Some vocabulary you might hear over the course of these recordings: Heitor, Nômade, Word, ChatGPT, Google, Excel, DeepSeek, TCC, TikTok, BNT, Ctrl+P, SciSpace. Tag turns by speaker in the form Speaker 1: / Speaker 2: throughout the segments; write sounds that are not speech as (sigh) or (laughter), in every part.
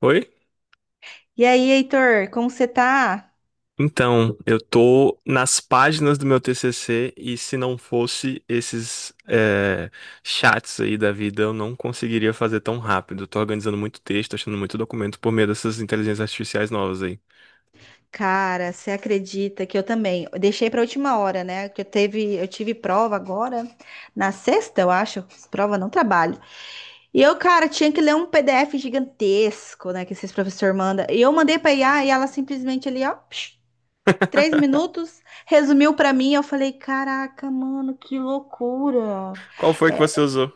Speaker 1: Oi?
Speaker 2: E aí, Heitor, como você tá?
Speaker 1: Então, eu tô nas páginas do meu TCC e se não fosse esses chats aí da vida, eu não conseguiria fazer tão rápido. Tô organizando muito texto, achando muito documento por meio dessas inteligências artificiais novas aí.
Speaker 2: Cara, você acredita que eu também? Eu deixei para última hora, né? Que eu tive prova agora na sexta, eu acho. Prova, não, trabalho. E eu, cara, tinha que ler um PDF gigantesco, né? Que esses professores mandam. E eu mandei para IA e ela simplesmente ali, ó, psh, 3 minutos, resumiu para mim. Eu falei, caraca, mano, que loucura!
Speaker 1: Qual foi que você usou?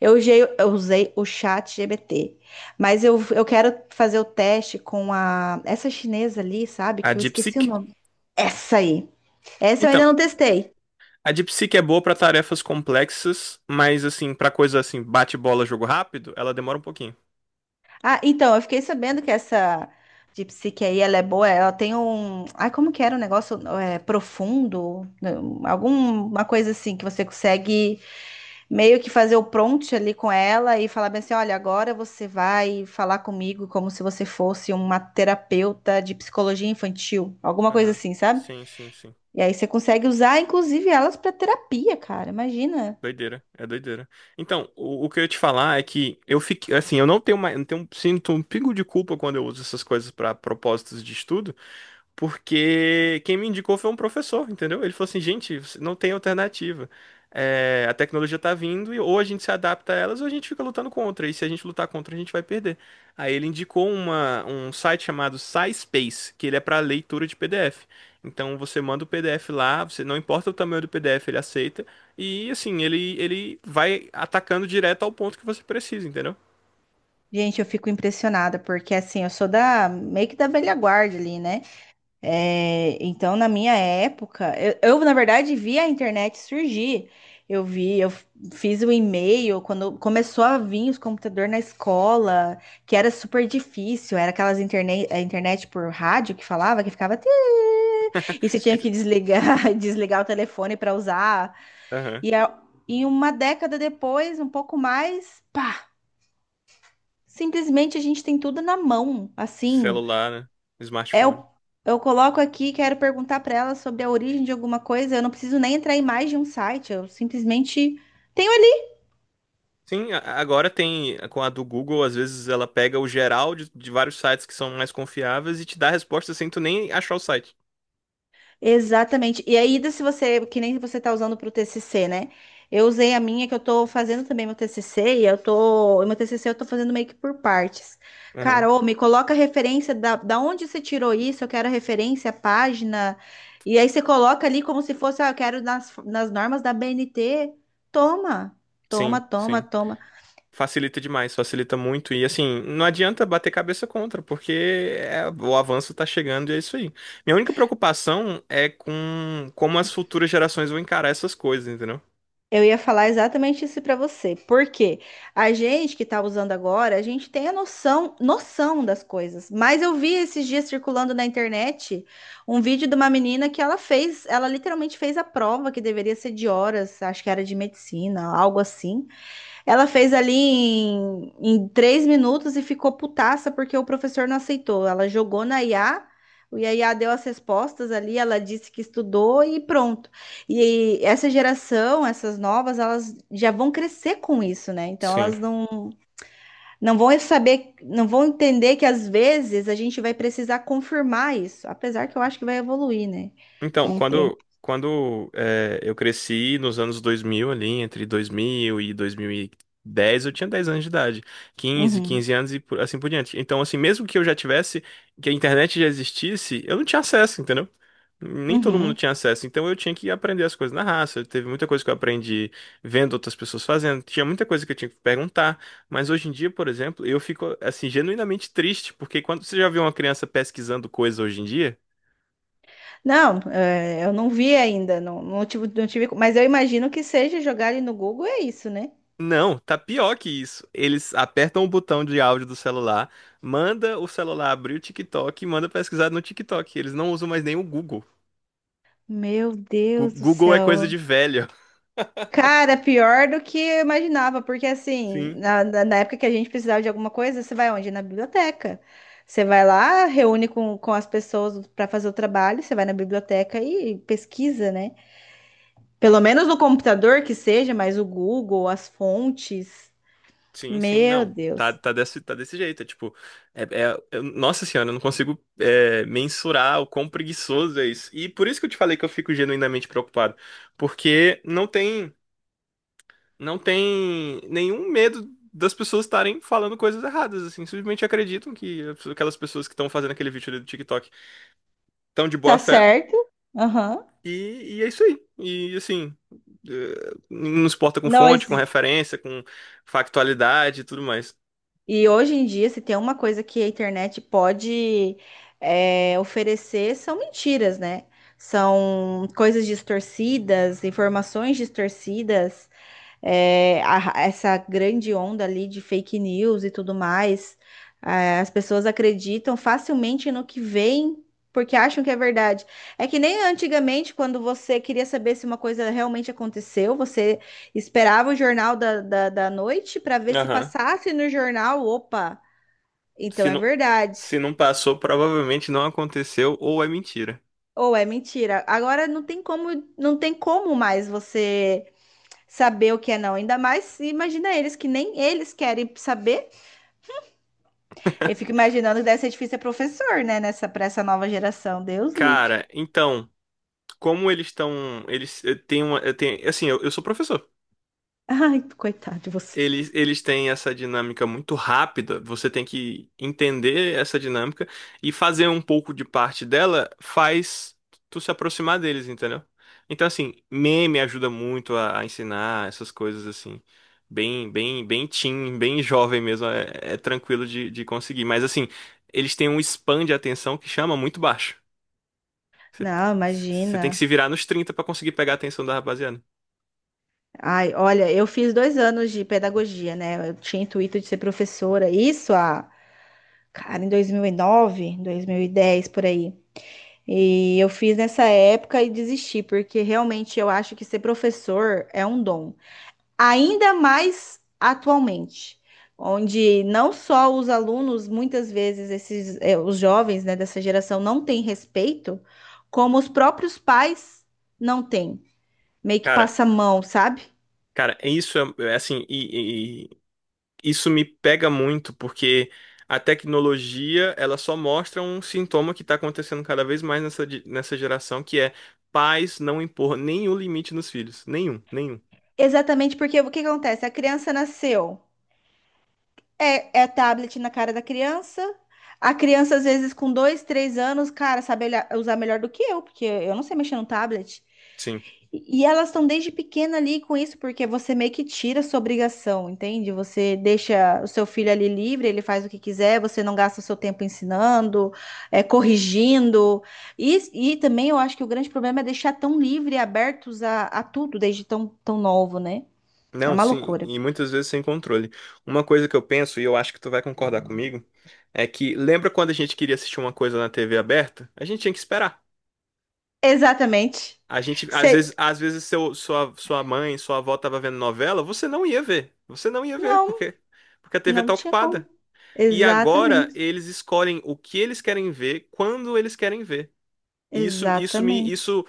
Speaker 2: Eu usei o chat GPT, mas eu quero fazer o teste com a essa chinesa ali, sabe?
Speaker 1: A
Speaker 2: Que eu esqueci o
Speaker 1: DeepSeek?
Speaker 2: nome. Essa aí. Essa eu ainda
Speaker 1: Então,
Speaker 2: não testei.
Speaker 1: a DeepSeek é boa pra tarefas complexas, mas assim, pra coisa assim, bate-bola, jogo rápido, ela demora um pouquinho.
Speaker 2: Ah, então, eu fiquei sabendo que essa DeepSeek aí, ela é boa, ela tem um... Ai, como que era o negócio? É, profundo? Não, alguma coisa assim que você consegue... Meio que fazer o prompt ali com ela e falar bem assim: olha, agora você vai falar comigo como se você fosse uma terapeuta de psicologia infantil, alguma coisa
Speaker 1: Aham.
Speaker 2: assim, sabe?
Speaker 1: Sim, sim, sim.
Speaker 2: E aí você consegue usar, inclusive, elas para terapia, cara. Imagina.
Speaker 1: Doideira, é doideira. Então, o que eu ia te falar é que eu fiquei, assim, eu não tenho mais, não tenho, sinto um pingo de culpa quando eu uso essas coisas para propósitos de estudo, porque quem me indicou foi um professor, entendeu? Ele falou assim, gente, você não tem alternativa. É, a tecnologia tá vindo e ou a gente se adapta a elas ou a gente fica lutando contra. E se a gente lutar contra, a gente vai perder. Aí ele indicou um site chamado SciSpace, que ele é para leitura de PDF. Então você manda o PDF lá, você não importa o tamanho do PDF, ele aceita. E assim, ele vai atacando direto ao ponto que você precisa, entendeu?
Speaker 2: Gente, eu fico impressionada, porque assim, eu sou da meio que da velha guarda ali, né? É, então, na minha época, na verdade vi a internet surgir. Eu vi, fiz o e-mail quando começou a vir os computadores na escola, que era super difícil. Era aquelas internet, a internet por rádio que falava, que ficava. "Tê." E você tinha que
Speaker 1: (laughs)
Speaker 2: desligar, (laughs) desligar o telefone para usar.
Speaker 1: Aham.
Speaker 2: E, a- e uma década depois, um pouco mais, pá, simplesmente a gente tem tudo na mão, assim.
Speaker 1: Celular, né? Smartphone.
Speaker 2: Eu, eu coloco aqui, quero perguntar para ela sobre a origem de alguma coisa. Eu não preciso nem entrar em mais de um site, eu simplesmente tenho ali.
Speaker 1: Sim, agora tem, com a do Google, às vezes ela pega o geral de vários sites que são mais confiáveis e te dá a resposta sem tu nem achar o site.
Speaker 2: Exatamente. E aí, se você, que nem você tá usando para o TCC, né? Eu usei a minha, que eu tô fazendo também meu TCC, e eu tô, e meu TCC eu tô fazendo meio que por partes.
Speaker 1: Aham.
Speaker 2: Carol, me coloca a referência da onde você tirou isso, eu quero a referência, a página. E aí você coloca ali como se fosse, ah, eu quero nas normas da BNT. Toma, toma,
Speaker 1: Sim,
Speaker 2: toma,
Speaker 1: sim.
Speaker 2: toma.
Speaker 1: Facilita demais, facilita muito. E assim, não adianta bater cabeça contra, porque o avanço tá chegando e é isso aí. Minha única preocupação é com como as futuras gerações vão encarar essas coisas, entendeu?
Speaker 2: Eu ia falar exatamente isso para você, porque a gente que está usando agora, a gente tem a noção, noção das coisas. Mas eu vi esses dias circulando na internet um vídeo de uma menina que ela fez, ela literalmente fez a prova que deveria ser de horas, acho que era de medicina, algo assim. Ela fez ali em 3 minutos e ficou putaça porque o professor não aceitou. Ela jogou na IA, o IA deu as respostas ali, ela disse que estudou e pronto. E essa geração, essas novas, elas já vão crescer com isso, né? Então
Speaker 1: Sim.
Speaker 2: elas não vão saber, não vão entender que às vezes a gente vai precisar confirmar isso, apesar que eu acho que vai evoluir, né?
Speaker 1: Então,
Speaker 2: Com o tempo.
Speaker 1: quando eu cresci nos anos 2000 ali, entre 2000 e 2010 eu tinha 10 anos de idade,
Speaker 2: Uhum,
Speaker 1: 15 anos e assim por diante. Então, assim, mesmo que eu já tivesse, que a internet já existisse, eu não tinha acesso, entendeu? Nem todo mundo
Speaker 2: uhum.
Speaker 1: tinha acesso, então eu tinha que aprender as coisas na raça. Teve muita coisa que eu aprendi vendo outras pessoas fazendo, tinha muita coisa que eu tinha que perguntar, mas hoje em dia, por exemplo, eu fico assim genuinamente triste, porque quando você já vê uma criança pesquisando coisa hoje em dia.
Speaker 2: Não, é, eu não vi ainda, não, não tive, mas eu imagino que seja jogar ali no Google, é isso, né?
Speaker 1: Não, tá pior que isso. Eles apertam o botão de áudio do celular, manda o celular abrir o TikTok e manda pesquisar no TikTok. Eles não usam mais nem o Google.
Speaker 2: Meu Deus do
Speaker 1: Google é coisa
Speaker 2: céu.
Speaker 1: de velho.
Speaker 2: Cara, pior do que eu imaginava, porque assim,
Speaker 1: Sim,
Speaker 2: na, na época que a gente precisava de alguma coisa, você vai onde? Na biblioteca. Você vai lá, reúne com as pessoas para fazer o trabalho, você vai na biblioteca e pesquisa, né? Pelo menos no computador que seja, mas o Google, as fontes.
Speaker 1: sim, sim,
Speaker 2: Meu
Speaker 1: não. Tá,
Speaker 2: Deus.
Speaker 1: tá desse jeito. É tipo, nossa senhora, eu não consigo, mensurar o quão preguiçoso é isso. E por isso que eu te falei que eu fico genuinamente preocupado. Porque não tem nenhum medo das pessoas estarem falando coisas erradas, assim. Simplesmente acreditam que aquelas pessoas que estão fazendo aquele vídeo ali do TikTok estão de boa
Speaker 2: Tá
Speaker 1: fé.
Speaker 2: certo? Aham.
Speaker 1: E é isso aí. E assim, não se importa com
Speaker 2: Não.
Speaker 1: fonte, com referência, com factualidade e tudo mais.
Speaker 2: E hoje em dia, se tem uma coisa que a internet pode oferecer, são mentiras, né? São coisas distorcidas, informações distorcidas, essa grande onda ali de fake news e tudo mais. As pessoas acreditam facilmente no que veem porque acham que é verdade. É que nem antigamente, quando você queria saber se uma coisa realmente aconteceu, você esperava o jornal da noite para ver se
Speaker 1: Aham.
Speaker 2: passasse no jornal. Opa, então
Speaker 1: Se
Speaker 2: é
Speaker 1: não,
Speaker 2: verdade.
Speaker 1: se não passou, provavelmente não aconteceu ou é mentira.
Speaker 2: Ou é mentira. Agora não tem como, não tem como mais você saber o que é não. Ainda mais, imagina eles que nem eles querem saber. Eu fico imaginando que deve ser difícil ser professor, né? Para essa nova geração. Deus livre.
Speaker 1: Cara, então, como eles estão. Eles eh, têm uma. Eh, Tem, assim, eu sou professor.
Speaker 2: Ai, coitado de você.
Speaker 1: Eles têm essa dinâmica muito rápida, você tem que entender essa dinâmica e fazer um pouco de parte dela faz tu se aproximar deles, entendeu? Então, assim, meme ajuda muito a ensinar essas coisas, assim, bem, bem, bem teen, bem jovem mesmo, é tranquilo de conseguir. Mas, assim, eles têm um span de atenção que chama muito baixo. Você
Speaker 2: Não,
Speaker 1: Você tem que
Speaker 2: imagina.
Speaker 1: se virar nos 30 pra conseguir pegar a atenção da rapaziada.
Speaker 2: Ai, olha, eu fiz 2 anos de pedagogia, né? Eu tinha intuito de ser professora. Isso há, cara, em dois mil e nove, 2010, por aí. E eu fiz nessa época e desisti, porque realmente eu acho que ser professor é um dom. Ainda mais atualmente, onde não só os alunos, muitas vezes esses, os jovens, né, dessa geração não têm respeito, como os próprios pais não têm. Meio que
Speaker 1: Cara,
Speaker 2: passa a mão, sabe?
Speaker 1: cara, é assim, isso me pega muito, porque a tecnologia, ela só mostra um sintoma que está acontecendo cada vez mais nessa geração, que é pais não impor nenhum limite nos filhos. Nenhum, nenhum.
Speaker 2: Exatamente, porque o que que acontece? A criança nasceu, é tablet na cara da criança. A criança, às vezes, com dois, três anos, cara, sabe usar melhor do que eu, porque eu não sei mexer no tablet.
Speaker 1: Sim.
Speaker 2: E elas estão desde pequena ali com isso, porque você meio que tira a sua obrigação, entende? Você deixa o seu filho ali livre, ele faz o que quiser, você não gasta o seu tempo ensinando, corrigindo. E também eu acho que o grande problema é deixar tão livre e abertos a tudo desde tão, tão novo, né? É
Speaker 1: Não,
Speaker 2: uma
Speaker 1: sim,
Speaker 2: loucura.
Speaker 1: e muitas vezes sem controle. Uma coisa que eu penso, e eu acho que tu vai concordar comigo, é que lembra quando a gente queria assistir uma coisa na TV aberta? A gente tinha que esperar.
Speaker 2: Exatamente.
Speaker 1: A gente,
Speaker 2: Cê-
Speaker 1: às vezes sua mãe, sua avó tava vendo novela, você não ia ver. Você não ia ver,
Speaker 2: Não,
Speaker 1: porque a TV
Speaker 2: não
Speaker 1: tá
Speaker 2: tinha como.
Speaker 1: ocupada. E agora
Speaker 2: Exatamente.
Speaker 1: eles escolhem o que eles querem ver, quando eles querem ver. E Isso, isso me,
Speaker 2: Exatamente.
Speaker 1: isso,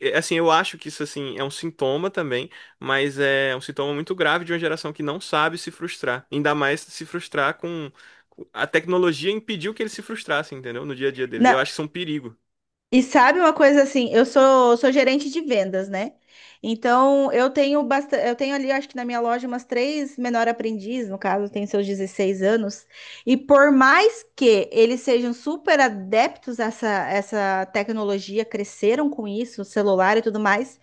Speaker 1: é, assim, eu acho que isso assim é um sintoma também, mas é um sintoma muito grave de uma geração que não sabe se frustrar, ainda mais se frustrar a tecnologia impediu que eles se frustrassem, entendeu? No dia a dia deles. Eu
Speaker 2: Na-
Speaker 1: acho que isso é um perigo.
Speaker 2: E sabe uma coisa assim, eu sou gerente de vendas, né? Então eu tenho bastante, eu tenho ali, acho que na minha loja, umas três menor aprendiz, no caso, tem seus 16 anos, e por mais que eles sejam super adeptos a essa tecnologia, cresceram com isso, celular e tudo mais,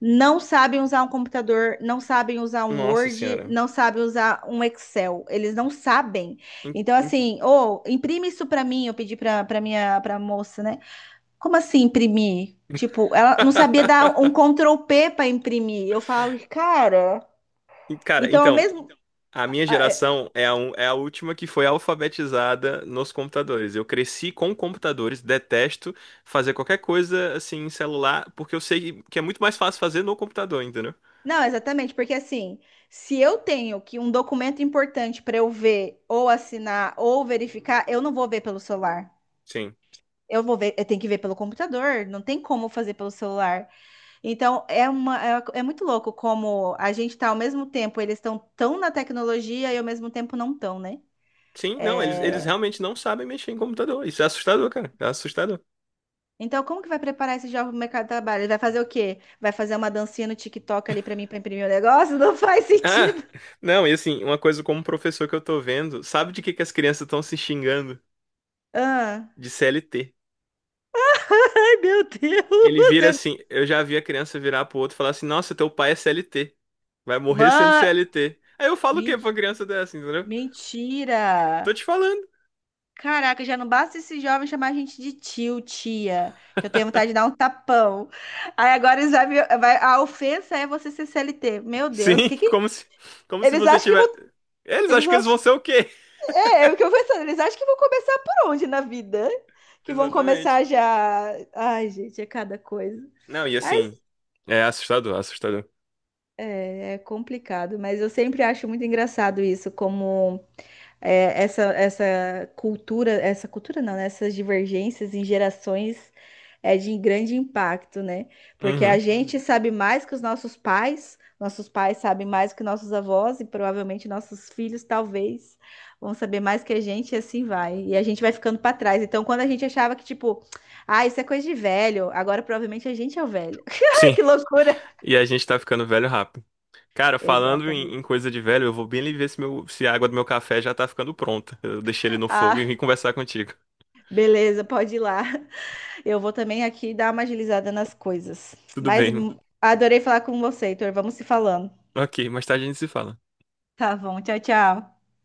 Speaker 2: não sabem usar um computador, não sabem usar um
Speaker 1: Nossa
Speaker 2: Word,
Speaker 1: senhora.
Speaker 2: não sabem usar um Excel, eles não sabem.
Speaker 1: Em-
Speaker 2: Então,
Speaker 1: em-
Speaker 2: assim, ou imprime isso para mim, eu pedi para minha pra moça, né? Como assim imprimir? Tipo, ela não sabia dar um
Speaker 1: (laughs)
Speaker 2: Ctrl P para imprimir. Eu falo, cara.
Speaker 1: Cara,
Speaker 2: Então, ao
Speaker 1: então,
Speaker 2: mesmo.
Speaker 1: a minha
Speaker 2: Ah.
Speaker 1: geração é é a última que foi alfabetizada nos computadores. Eu cresci com computadores, detesto fazer qualquer coisa assim em celular, porque eu sei que é muito mais fácil fazer no computador, entendeu?
Speaker 2: Não, exatamente, porque assim, se eu tenho que um documento importante para eu ver, ou assinar, ou verificar, eu não vou ver pelo celular.
Speaker 1: Sim.
Speaker 2: Eu vou ver, eu tenho que ver pelo computador, não tem como fazer pelo celular. Então, é uma, é muito louco como a gente tá ao mesmo tempo, eles estão tão na tecnologia e ao mesmo tempo não tão, né? Sim.
Speaker 1: Sim, não, eles
Speaker 2: É.
Speaker 1: realmente não sabem mexer em computador. Isso é assustador, cara. É assustador. (laughs)
Speaker 2: Então, como que vai preparar esse jovem pro mercado de trabalho? Ele vai fazer o quê? Vai fazer uma dancinha no TikTok ali para mim para imprimir o negócio? (laughs) Não faz
Speaker 1: Ah,
Speaker 2: sentido.
Speaker 1: não, e assim, uma coisa como professor que eu tô vendo, sabe de que as crianças estão se xingando?
Speaker 2: Ah.
Speaker 1: De CLT.
Speaker 2: Ai, meu Deus!
Speaker 1: Ele vira
Speaker 2: eu-
Speaker 1: assim, eu já vi a criança virar pro outro e falar assim, nossa, teu pai é CLT. Vai morrer sendo
Speaker 2: Mãe,
Speaker 1: CLT. Aí eu falo o quê
Speaker 2: men-
Speaker 1: pra uma criança dessa, entendeu? Tô
Speaker 2: mentira!
Speaker 1: te falando.
Speaker 2: Caraca, já não basta esse jovem chamar a gente de tio, tia, que eu tenho vontade de dar um tapão. Aí agora eles vai, a ofensa é você ser CLT. Meu Deus,
Speaker 1: Sim, (laughs)
Speaker 2: que
Speaker 1: como se,
Speaker 2: eles
Speaker 1: você
Speaker 2: acham que vão,
Speaker 1: tiver. Eles
Speaker 2: eles
Speaker 1: acham que eles vão ser o quê?
Speaker 2: É o que eu pensando, eles acham que vão começar por onde na vida?
Speaker 1: (laughs)
Speaker 2: Que vão
Speaker 1: Exatamente.
Speaker 2: começar já. Ai, gente, é cada coisa.
Speaker 1: Não, e
Speaker 2: Mas
Speaker 1: assim, é assustador, assustador.
Speaker 2: é complicado, mas eu sempre acho muito engraçado isso, como essa cultura, essa cultura não, né? Essas divergências em gerações é de grande impacto, né? Porque a
Speaker 1: Uhum.
Speaker 2: gente sabe mais que os nossos pais sabem mais que nossos avós e provavelmente nossos filhos talvez vão saber mais que a gente e assim vai. E a gente vai ficando para trás. Então, quando a gente achava que tipo, ah, isso é coisa de velho, agora provavelmente a gente é o velho. (laughs) Ai,
Speaker 1: Sim.
Speaker 2: que loucura!
Speaker 1: E a gente tá ficando velho rápido. Cara, falando
Speaker 2: Exatamente.
Speaker 1: em coisa de velho, eu vou bem ali ver se, meu, se a água do meu café já tá ficando pronta. Eu deixei ele no fogo
Speaker 2: Ah,
Speaker 1: e vim conversar contigo.
Speaker 2: beleza, pode ir lá. Eu vou também aqui dar uma agilizada nas coisas.
Speaker 1: Tudo
Speaker 2: Mas
Speaker 1: bem.
Speaker 2: adorei falar com você, Heitor. Vamos se falando.
Speaker 1: Ok, mais tarde a gente se fala.
Speaker 2: Tá bom, tchau, tchau.